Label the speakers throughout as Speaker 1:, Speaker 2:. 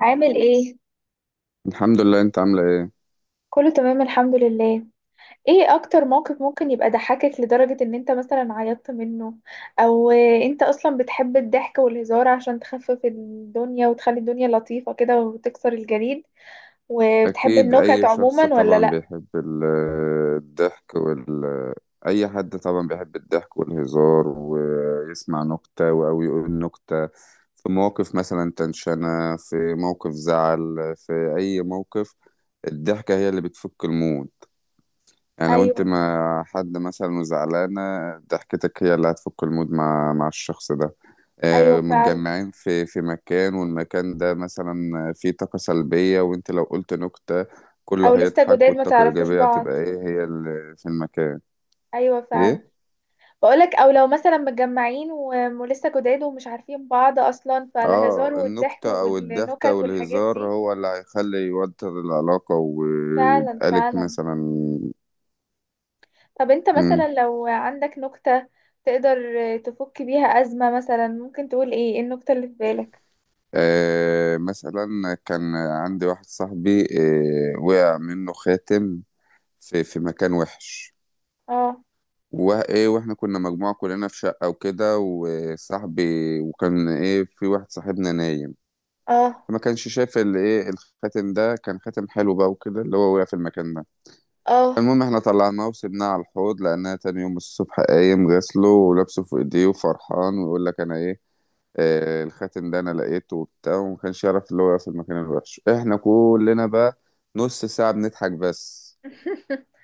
Speaker 1: عامل ايه؟
Speaker 2: الحمد لله. انت عامله ايه؟
Speaker 1: كله تمام، الحمد لله. ايه اكتر موقف ممكن يبقى ضحكك لدرجة ان انت مثلا عيطت منه، او انت اصلا بتحب الضحك والهزار عشان تخفف الدنيا وتخلي الدنيا لطيفة كده وتكسر الجليد وبتحب
Speaker 2: اكيد
Speaker 1: النكت
Speaker 2: اي شخص
Speaker 1: عموما ولا
Speaker 2: طبعا
Speaker 1: لا؟
Speaker 2: بيحب ال- الضحك وال اي حد طبعا بيحب الضحك والهزار ويسمع نكته او يقول نكته. في مواقف مثلا تنشنه، في موقف زعل، في اي موقف، الضحكه هي اللي بتفك المود. يعني لو انت
Speaker 1: ايوه،
Speaker 2: مع حد مثلا وزعلانه، ضحكتك هي اللي هتفك المود مع الشخص ده.
Speaker 1: ايوه فعلا.
Speaker 2: متجمعين في مكان، والمكان ده مثلا فيه طاقة سلبية، وانت لو قلت نكتة
Speaker 1: او
Speaker 2: كله
Speaker 1: لسه
Speaker 2: هيضحك،
Speaker 1: جداد ما
Speaker 2: والطاقة
Speaker 1: تعرفوش
Speaker 2: الإيجابية
Speaker 1: بعض.
Speaker 2: هتبقى ايه هي اللي في المكان.
Speaker 1: ايوه فعلا.
Speaker 2: ايه.
Speaker 1: بقولك، او لو مثلا متجمعين ولسه جداد ومش عارفين بعض اصلا، فالهزار
Speaker 2: اه
Speaker 1: والضحك
Speaker 2: النكتة او الضحكة
Speaker 1: والنكت والحاجات
Speaker 2: والهزار
Speaker 1: دي.
Speaker 2: هو اللي هيخلي يوتر العلاقة
Speaker 1: فعلا،
Speaker 2: ويبقالك
Speaker 1: فعلا.
Speaker 2: مثلا.
Speaker 1: طب انت
Speaker 2: مم.
Speaker 1: مثلا لو عندك نكتة تقدر تفك بيها أزمة، مثلا ممكن تقول ايه؟ ايه النكتة اللي في بالك؟
Speaker 2: مثلا كان عندي واحد صاحبي. وقع منه خاتم في مكان وحش.
Speaker 1: اه،
Speaker 2: وايه، واحنا كنا مجموعة كلنا في شقة وكده، وصاحبي وكان ايه في واحد صاحبنا نايم،
Speaker 1: اه،
Speaker 2: فما كانش شايف اللي ايه، الخاتم ده كان خاتم حلو بقى وكده، اللي هو وقع في المكان ده.
Speaker 1: اه.
Speaker 2: المهم احنا طلعناه وسبناه على الحوض، لأنها تاني يوم الصبح قايم غسله ولابسه في ايديه وفرحان ويقول لك انا ايه، الخاتم ده انا لقيته وبتاع، وما كانش يعرف اللي هو وقع في المكان الوحش. احنا كلنا بقى نص ساعة بنضحك بس.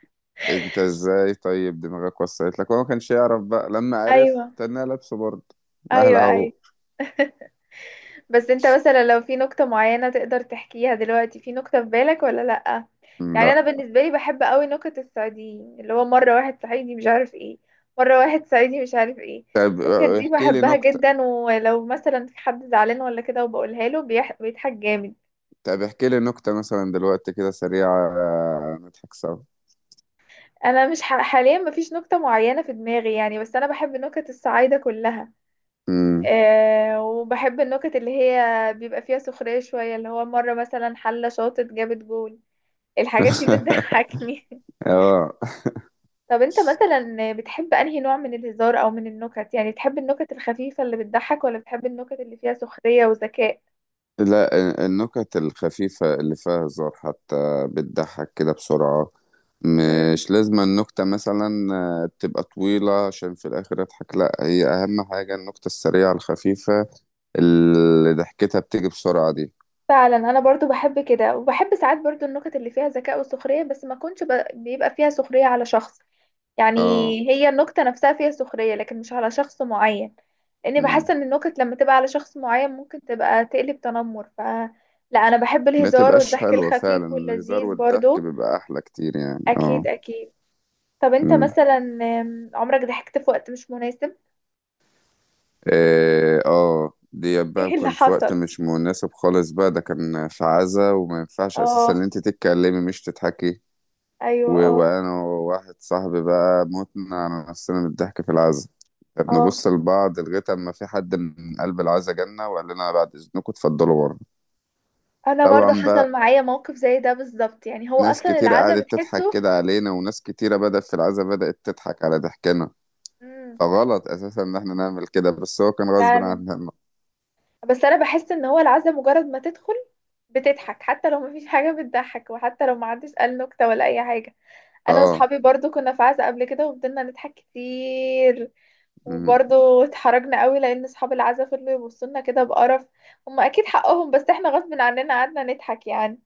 Speaker 2: انت ازاي؟ طيب دماغك وصلت لك؟ هو ما كانش يعرف بقى، لما عرف
Speaker 1: ايوه،
Speaker 2: تنى لابسه برضه. مهلا
Speaker 1: ايوه، ايوه.
Speaker 2: اهو.
Speaker 1: بس انت مثلا لو في نكتة معينة تقدر تحكيها دلوقتي؟ في نكتة في بالك ولا لأ؟ يعني
Speaker 2: لا.
Speaker 1: انا بالنسبة لي بحب قوي نكت الصعيديين، اللي هو مرة واحد صعيدي مش عارف ايه، مرة واحد صعيدي مش عارف ايه.
Speaker 2: طب
Speaker 1: النكت دي
Speaker 2: احكي لي
Speaker 1: بحبها
Speaker 2: نكتة.
Speaker 1: جدا، ولو مثلا في حد زعلان ولا كده وبقولها له بيح... بيضحك جامد.
Speaker 2: طب احكي لي نكتة مثلا دلوقتي كده سريعة، نضحك سوا.
Speaker 1: انا مش حاليا مفيش نكتة معينة في دماغي يعني، بس انا بحب نكت الصعايدة كلها.
Speaker 2: امم.
Speaker 1: أه، وبحب النكت اللي هي بيبقى فيها سخرية شوية، اللي هو مرة مثلا حلة شاطت جابت جول. الحاجات دي بتضحكني.
Speaker 2: اه،
Speaker 1: طب انت مثلا بتحب انهي نوع من الهزار او من النكت؟ يعني بتحب النكت الخفيفة اللي بتضحك، ولا بتحب النكت اللي فيها سخرية وذكاء؟
Speaker 2: لا النكت الخفيفة اللي فيها هزار حتى بتضحك كده بسرعة.
Speaker 1: مم.
Speaker 2: مش لازم النكتة مثلا اه، تبقى طويلة عشان في الآخر أضحك، لا، هي أهم حاجة النكتة السريعة الخفيفة اللي ضحكتها بتيجي بسرعة دي.
Speaker 1: فعلا، انا برضو بحب كده، وبحب ساعات برضو النكت اللي فيها ذكاء وسخرية، بس ما كنتش ب... بيبقى فيها سخرية على شخص يعني.
Speaker 2: اه.
Speaker 1: هي النكتة نفسها فيها سخرية، لكن مش على شخص معين، لأني بحس
Speaker 2: امم.
Speaker 1: إن النكت لما تبقى على شخص معين ممكن تبقى تقلب تنمر، ف لا، أنا بحب
Speaker 2: ما
Speaker 1: الهزار
Speaker 2: تبقاش
Speaker 1: والضحك
Speaker 2: حلوة فعلا،
Speaker 1: الخفيف
Speaker 2: الهزار
Speaker 1: واللذيذ
Speaker 2: والضحك
Speaker 1: برضو.
Speaker 2: بيبقى أحلى كتير يعني
Speaker 1: أكيد،
Speaker 2: اه.
Speaker 1: أكيد. طب أنت
Speaker 2: امم.
Speaker 1: مثلا، عمرك ضحكت في وقت مش مناسب؟
Speaker 2: إيه، اه، دي بقى
Speaker 1: إيه اللي
Speaker 2: كان في وقت
Speaker 1: حصل؟
Speaker 2: مش مناسب خالص بقى، ده كان في عزا، وما ينفعش أساسا
Speaker 1: اه.
Speaker 2: إن أنت تتكلمي مش تضحكي.
Speaker 1: أيوه، اه.
Speaker 2: وأنا وواحد صاحبي بقى متنا على نفسنا من الضحك في العزا،
Speaker 1: اه،
Speaker 2: بنبص لبعض لغاية أما في حد من قلب العزا جالنا وقال لنا بعد إذنكم اتفضلوا بره.
Speaker 1: أنا برضو
Speaker 2: طبعا
Speaker 1: حصل
Speaker 2: بقى،
Speaker 1: معايا موقف زي ده بالظبط، يعني هو
Speaker 2: ناس
Speaker 1: أصلا
Speaker 2: كتير
Speaker 1: العزا
Speaker 2: قعدت تضحك
Speaker 1: بتحسه.
Speaker 2: كده علينا، وناس كتيرة بدأت في العزا بدأت تضحك على ضحكنا،
Speaker 1: مم.
Speaker 2: فغلط أساسا إن إحنا نعمل كده، بس هو كان غصب
Speaker 1: فعلا.
Speaker 2: عننا.
Speaker 1: بس أنا بحس إن هو العزا مجرد ما تدخل بتضحك، حتى لو مفيش حاجة بتضحك، وحتى لو محدش قال نكتة ولا أي حاجة. أنا
Speaker 2: آه.
Speaker 1: وصحابي برضو كنا في عزا قبل كده وفضلنا نضحك كتير،
Speaker 2: مم.
Speaker 1: وبرضو اتحرجنا قوي لأن أصحاب العزا فضلوا يبصولنا كده بقرف. هما أكيد حقهم، بس احنا غصب عننا قعدنا نضحك يعني.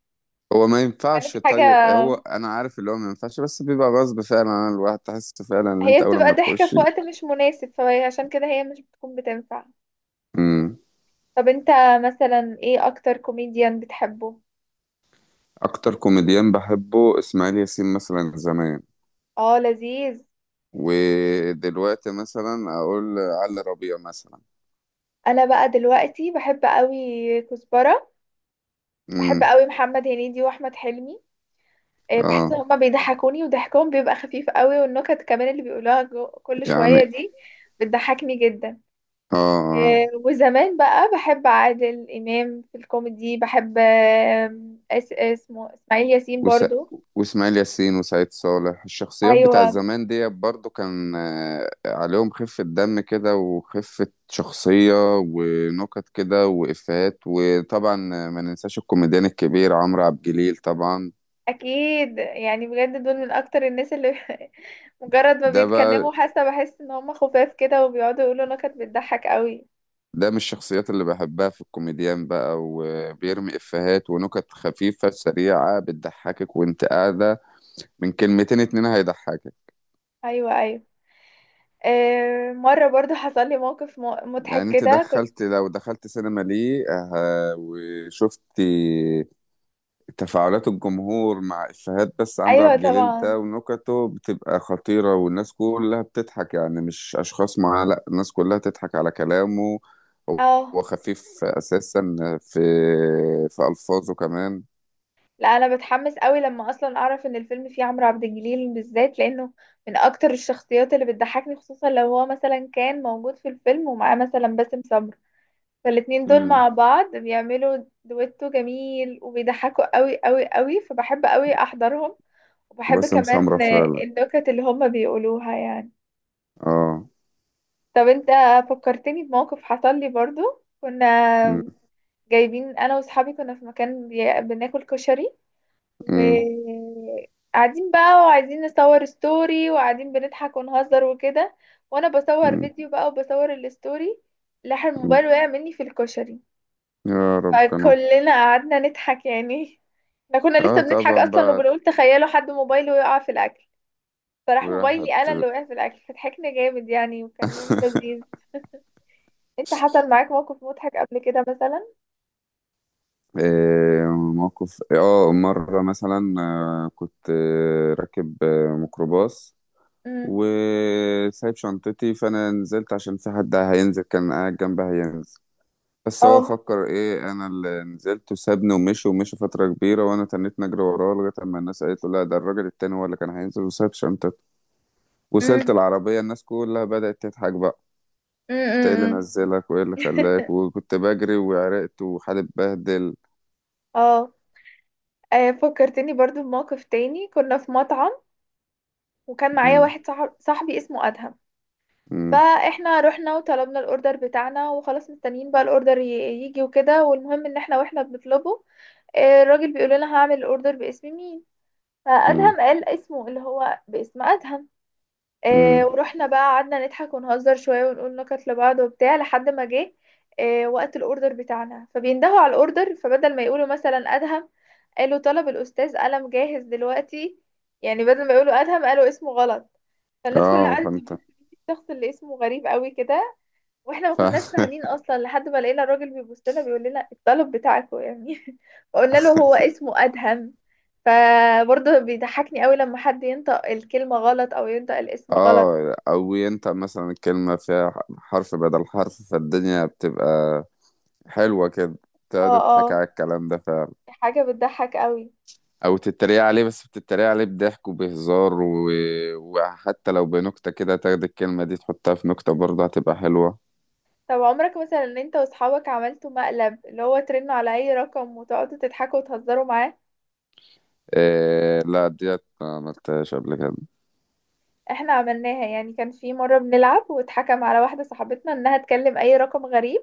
Speaker 2: هو ما
Speaker 1: كانت
Speaker 2: ينفعش،
Speaker 1: حاجة،
Speaker 2: طيب هو أنا عارف اللي هو ما ينفعش، بس بيبقى غصب فعلا عن الواحد، تحس فعلا إن
Speaker 1: هي
Speaker 2: أنت أول
Speaker 1: بتبقى
Speaker 2: ما
Speaker 1: ضحكة
Speaker 2: تخش.
Speaker 1: في وقت مش مناسب، فعشان كده هي مش بتكون بتنفع.
Speaker 2: مم.
Speaker 1: طب انت مثلا ايه أكتر كوميديان بتحبه؟
Speaker 2: أكتر كوميديان بحبه إسماعيل ياسين مثلا زمان،
Speaker 1: اه، لذيذ.
Speaker 2: ودلوقتي مثلا أقول علي ربيع مثلا.
Speaker 1: أنا بقى دلوقتي بحب قوي كزبرة، بحب
Speaker 2: مم.
Speaker 1: قوي محمد هنيدي واحمد حلمي. بحس ان
Speaker 2: آه.
Speaker 1: هما بيضحكوني وضحكهم بيبقى خفيف قوي، والنكت كمان اللي بيقولوها كل شوية
Speaker 2: يعني.
Speaker 1: دي بتضحكني جدا.
Speaker 2: آه آه.
Speaker 1: وزمان بقى بحب عادل امام في الكوميدي، بحب آم، اس اسمه اسماعيل ياسين
Speaker 2: وس...
Speaker 1: برضو.
Speaker 2: واسماعيل ياسين وسعيد صالح، الشخصيات بتاع
Speaker 1: ايوه،
Speaker 2: زمان دي برضو كان عليهم خفة دم كده وخفة شخصية ونكت كده وإفيهات، وطبعا ما ننساش الكوميديان الكبير عمرو عبد الجليل طبعا.
Speaker 1: اكيد يعني، بجد دول من اكتر الناس اللي مجرد ما
Speaker 2: ده بقى
Speaker 1: بيتكلموا حاسه، بحس ان هم خفاف كده وبيقعدوا يقولوا نكت بتضحك قوي.
Speaker 2: ده من الشخصيات اللي بحبها في الكوميديان بقى، وبيرمي إفيهات ونكت خفيفة سريعة بتضحكك وانت قاعدة، من كلمتين اتنين هيضحكك.
Speaker 1: ايوه، ايوه. مرة برضو حصل لي موقف مضحك
Speaker 2: يعني انت
Speaker 1: كده، كنت...
Speaker 2: دخلت، لو دخلت سينما ليه وشفت تفاعلات الجمهور مع إفيهات، بس عمرو
Speaker 1: أيوة،
Speaker 2: عبد الجليل
Speaker 1: طبعا.
Speaker 2: ده ونكته بتبقى خطيرة والناس كلها بتضحك يعني، مش أشخاص معاه، لأ الناس كلها تضحك على كلامه.
Speaker 1: اه.
Speaker 2: هو خفيف أساسا في في ألفاظه كمان.
Speaker 1: لا، أنا بتحمس قوي لما أصلا أعرف إن الفيلم فيه عمرو عبد الجليل بالذات، لأنه من أكتر الشخصيات اللي بتضحكني، خصوصا لو هو مثلا كان موجود في الفيلم ومعاه مثلا باسم سمرة. فالاتنين دول
Speaker 2: امم.
Speaker 1: مع بعض بيعملوا دويتو جميل وبيضحكوا قوي قوي قوي، فبحب قوي أحضرهم. وبحب
Speaker 2: وباسم سمرة
Speaker 1: كمان
Speaker 2: فعلا.
Speaker 1: النكت اللي هما بيقولوها يعني.
Speaker 2: اه.
Speaker 1: طب انت، فكرتني بموقف حصل لي برضو. كنا
Speaker 2: م-
Speaker 1: جايبين، انا واصحابي كنا في مكان بناكل كشري،
Speaker 2: م-
Speaker 1: وقاعدين بقى وعايزين نصور ستوري، وقاعدين بنضحك ونهزر وكده، وانا بصور
Speaker 2: م-
Speaker 1: فيديو بقى وبصور الستوري، لاح
Speaker 2: م.
Speaker 1: الموبايل وقع مني في الكشري.
Speaker 2: يا ربنا.
Speaker 1: فكلنا قعدنا نضحك يعني. احنا كنا لسه
Speaker 2: اه
Speaker 1: بنضحك
Speaker 2: طبعا
Speaker 1: اصلا
Speaker 2: بقى.
Speaker 1: وبنقول تخيلوا حد موبايله يقع في الاكل، فراح موبايلي
Speaker 2: وراحت.
Speaker 1: انا اللي وقع في الاكل، فضحكنا جامد يعني وكان يوم لذيذ. انت حصل معاك موقف مضحك قبل كده مثلا؟
Speaker 2: آه موقف، مرة مثلا كنت راكب ميكروباص
Speaker 1: امم.
Speaker 2: وسايب شنطتي، فانا نزلت عشان في حد هينزل كان قاعد جنبها هينزل، بس هو
Speaker 1: اه.
Speaker 2: فكر ايه انا اللي نزلت وسابني ومشي، ومشي فترة كبيرة، وانا تنيت نجري وراه لغاية اما الناس قالت له لا ده الراجل التاني هو اللي كان هينزل وساب شنطته. وصلت العربية الناس كلها بدأت تضحك بقى: انت ايه اللي
Speaker 1: امم.
Speaker 2: نزلك وايه اللي خلاك؟ وكنت بجري وعرقت وحالي اتبهدل.
Speaker 1: اه. فكرتني برضو بموقف تاني. كنا في مطعم، وكان معايا
Speaker 2: م-
Speaker 1: واحد صاحب صاحبي اسمه أدهم.
Speaker 2: م-
Speaker 1: فاحنا رحنا وطلبنا الاوردر بتاعنا وخلاص، مستنيين بقى الاوردر يجي وكده. والمهم ان احنا واحنا بنطلبه، الراجل بيقول لنا هعمل الاوردر باسم مين؟
Speaker 2: م-
Speaker 1: فأدهم قال اسمه اللي هو، باسم أدهم.
Speaker 2: م.
Speaker 1: ورحنا بقى قعدنا نضحك ونهزر شوية ونقول نكت لبعض وبتاع، لحد ما جه وقت الاوردر بتاعنا، فبيندهوا على الاوردر، فبدل ما يقولوا مثلا أدهم، قالوا طلب الأستاذ قلم جاهز دلوقتي. يعني بدل ما يقولوا أدهم قالوا اسمه غلط. فالناس كلها
Speaker 2: اه.
Speaker 1: قعدت تبص
Speaker 2: فانت
Speaker 1: مين الشخص اللي اسمه غريب قوي كده، واحنا ما
Speaker 2: ف...
Speaker 1: كناش فاهمين اصلا، لحد ما لقينا الراجل بيبص لنا بيقول لنا الطلب بتاعكم يعني. فقلنا له هو اسمه أدهم. فبرضه بيضحكني قوي لما حد ينطق الكلمة غلط او ينطق الاسم غلط.
Speaker 2: اه، او ينطق مثلا الكلمة فيها حرف بدل حرف، فالدنيا بتبقى حلوة كده،
Speaker 1: اه.
Speaker 2: تقعد
Speaker 1: اه.
Speaker 2: تضحك على الكلام ده فعلا.
Speaker 1: حاجة بتضحك قوي.
Speaker 2: او تتريق عليه، بس بتتريق عليه بضحك وبهزار وحتى لو بنكتة كده تاخد الكلمة دي تحطها في نكتة برضه هتبقى حلوة.
Speaker 1: طب عمرك مثلا ان انت واصحابك عملتوا مقلب اللي هو ترنوا على اي رقم وتقعدوا تضحكوا وتهزروا معاه؟
Speaker 2: إيه، لا، ديت ما عملتهاش قبل كده.
Speaker 1: احنا عملناها يعني. كان في مرة بنلعب واتحكم على واحدة صاحبتنا انها تكلم اي رقم غريب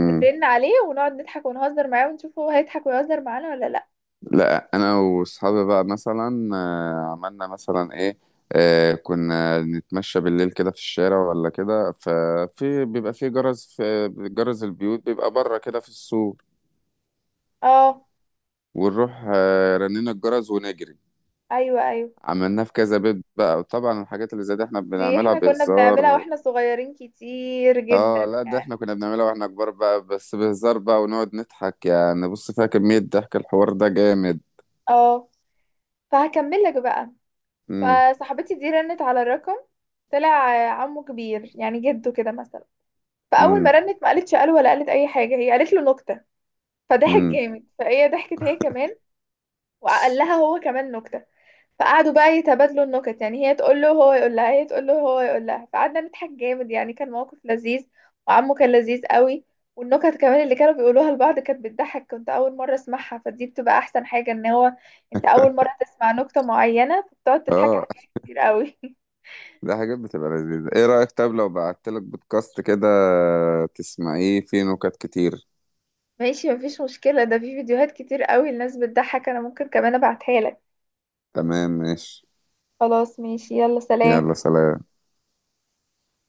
Speaker 1: وندن عليه ونقعد نضحك ونهزر معاه ونشوف هو هيضحك ويهزر معانا ولا لا.
Speaker 2: لا انا واصحابي بقى مثلا عملنا مثلا ايه، كنا نتمشى بالليل كده في الشارع ولا كده، ففي بيبقى في جرس، في جرس البيوت بيبقى بره كده في السور،
Speaker 1: اه.
Speaker 2: ونروح رنينا الجرس ونجري.
Speaker 1: ايوه، ايوه.
Speaker 2: عملناه في كذا بيت بقى، وطبعا الحاجات اللي زي دي احنا
Speaker 1: دي
Speaker 2: بنعملها
Speaker 1: احنا كنا بنعملها
Speaker 2: بهزار.
Speaker 1: واحنا صغيرين كتير جدا
Speaker 2: اه، لا ده احنا
Speaker 1: يعني.
Speaker 2: كنا بنعملها واحنا كبار بقى بس بهزار بقى، ونقعد نضحك يعني، بص فيها كمية ضحك الحوار ده جامد.
Speaker 1: اه. فهكمل لك بقى.
Speaker 2: امم.
Speaker 1: فصاحبتي دي رنت على الرقم، طلع عمه كبير يعني، جده كده مثلا. فاول ما
Speaker 2: امم.
Speaker 1: رنت ما قالتش الو ولا قالت اي حاجه، هي قالت له نكته. فضحك
Speaker 2: امم.
Speaker 1: جامد، فهي ضحكت هي كمان، وقال لها هو كمان نكته. فقعدوا بقى يتبادلوا النكت يعني، هي تقول له، هو يقول لها، هي تقول له، هو يقول لها. فقعدنا نضحك جامد يعني، كان موقف لذيذ، وعمه كان لذيذ قوي. والنكت كمان اللي كانوا بيقولوها لبعض كانت بتضحك، كنت اول مره اسمعها. فدي بتبقى احسن حاجه ان هو انت اول مره تسمع نكته معينه، فبتقعد تضحك
Speaker 2: اه.
Speaker 1: عليها كتير قوي.
Speaker 2: ده حاجات بتبقى لذيذة. ايه رأيك طب لو بعتلك بودكاست كده تسمعيه فيه نكت كتير؟
Speaker 1: ماشي، مفيش مشكله. ده في فيديوهات كتير قوي الناس بتضحك، انا ممكن كمان ابعتها لك.
Speaker 2: تمام ماشي.
Speaker 1: خلاص، ماشي، يلا سلام.
Speaker 2: يلا سلام.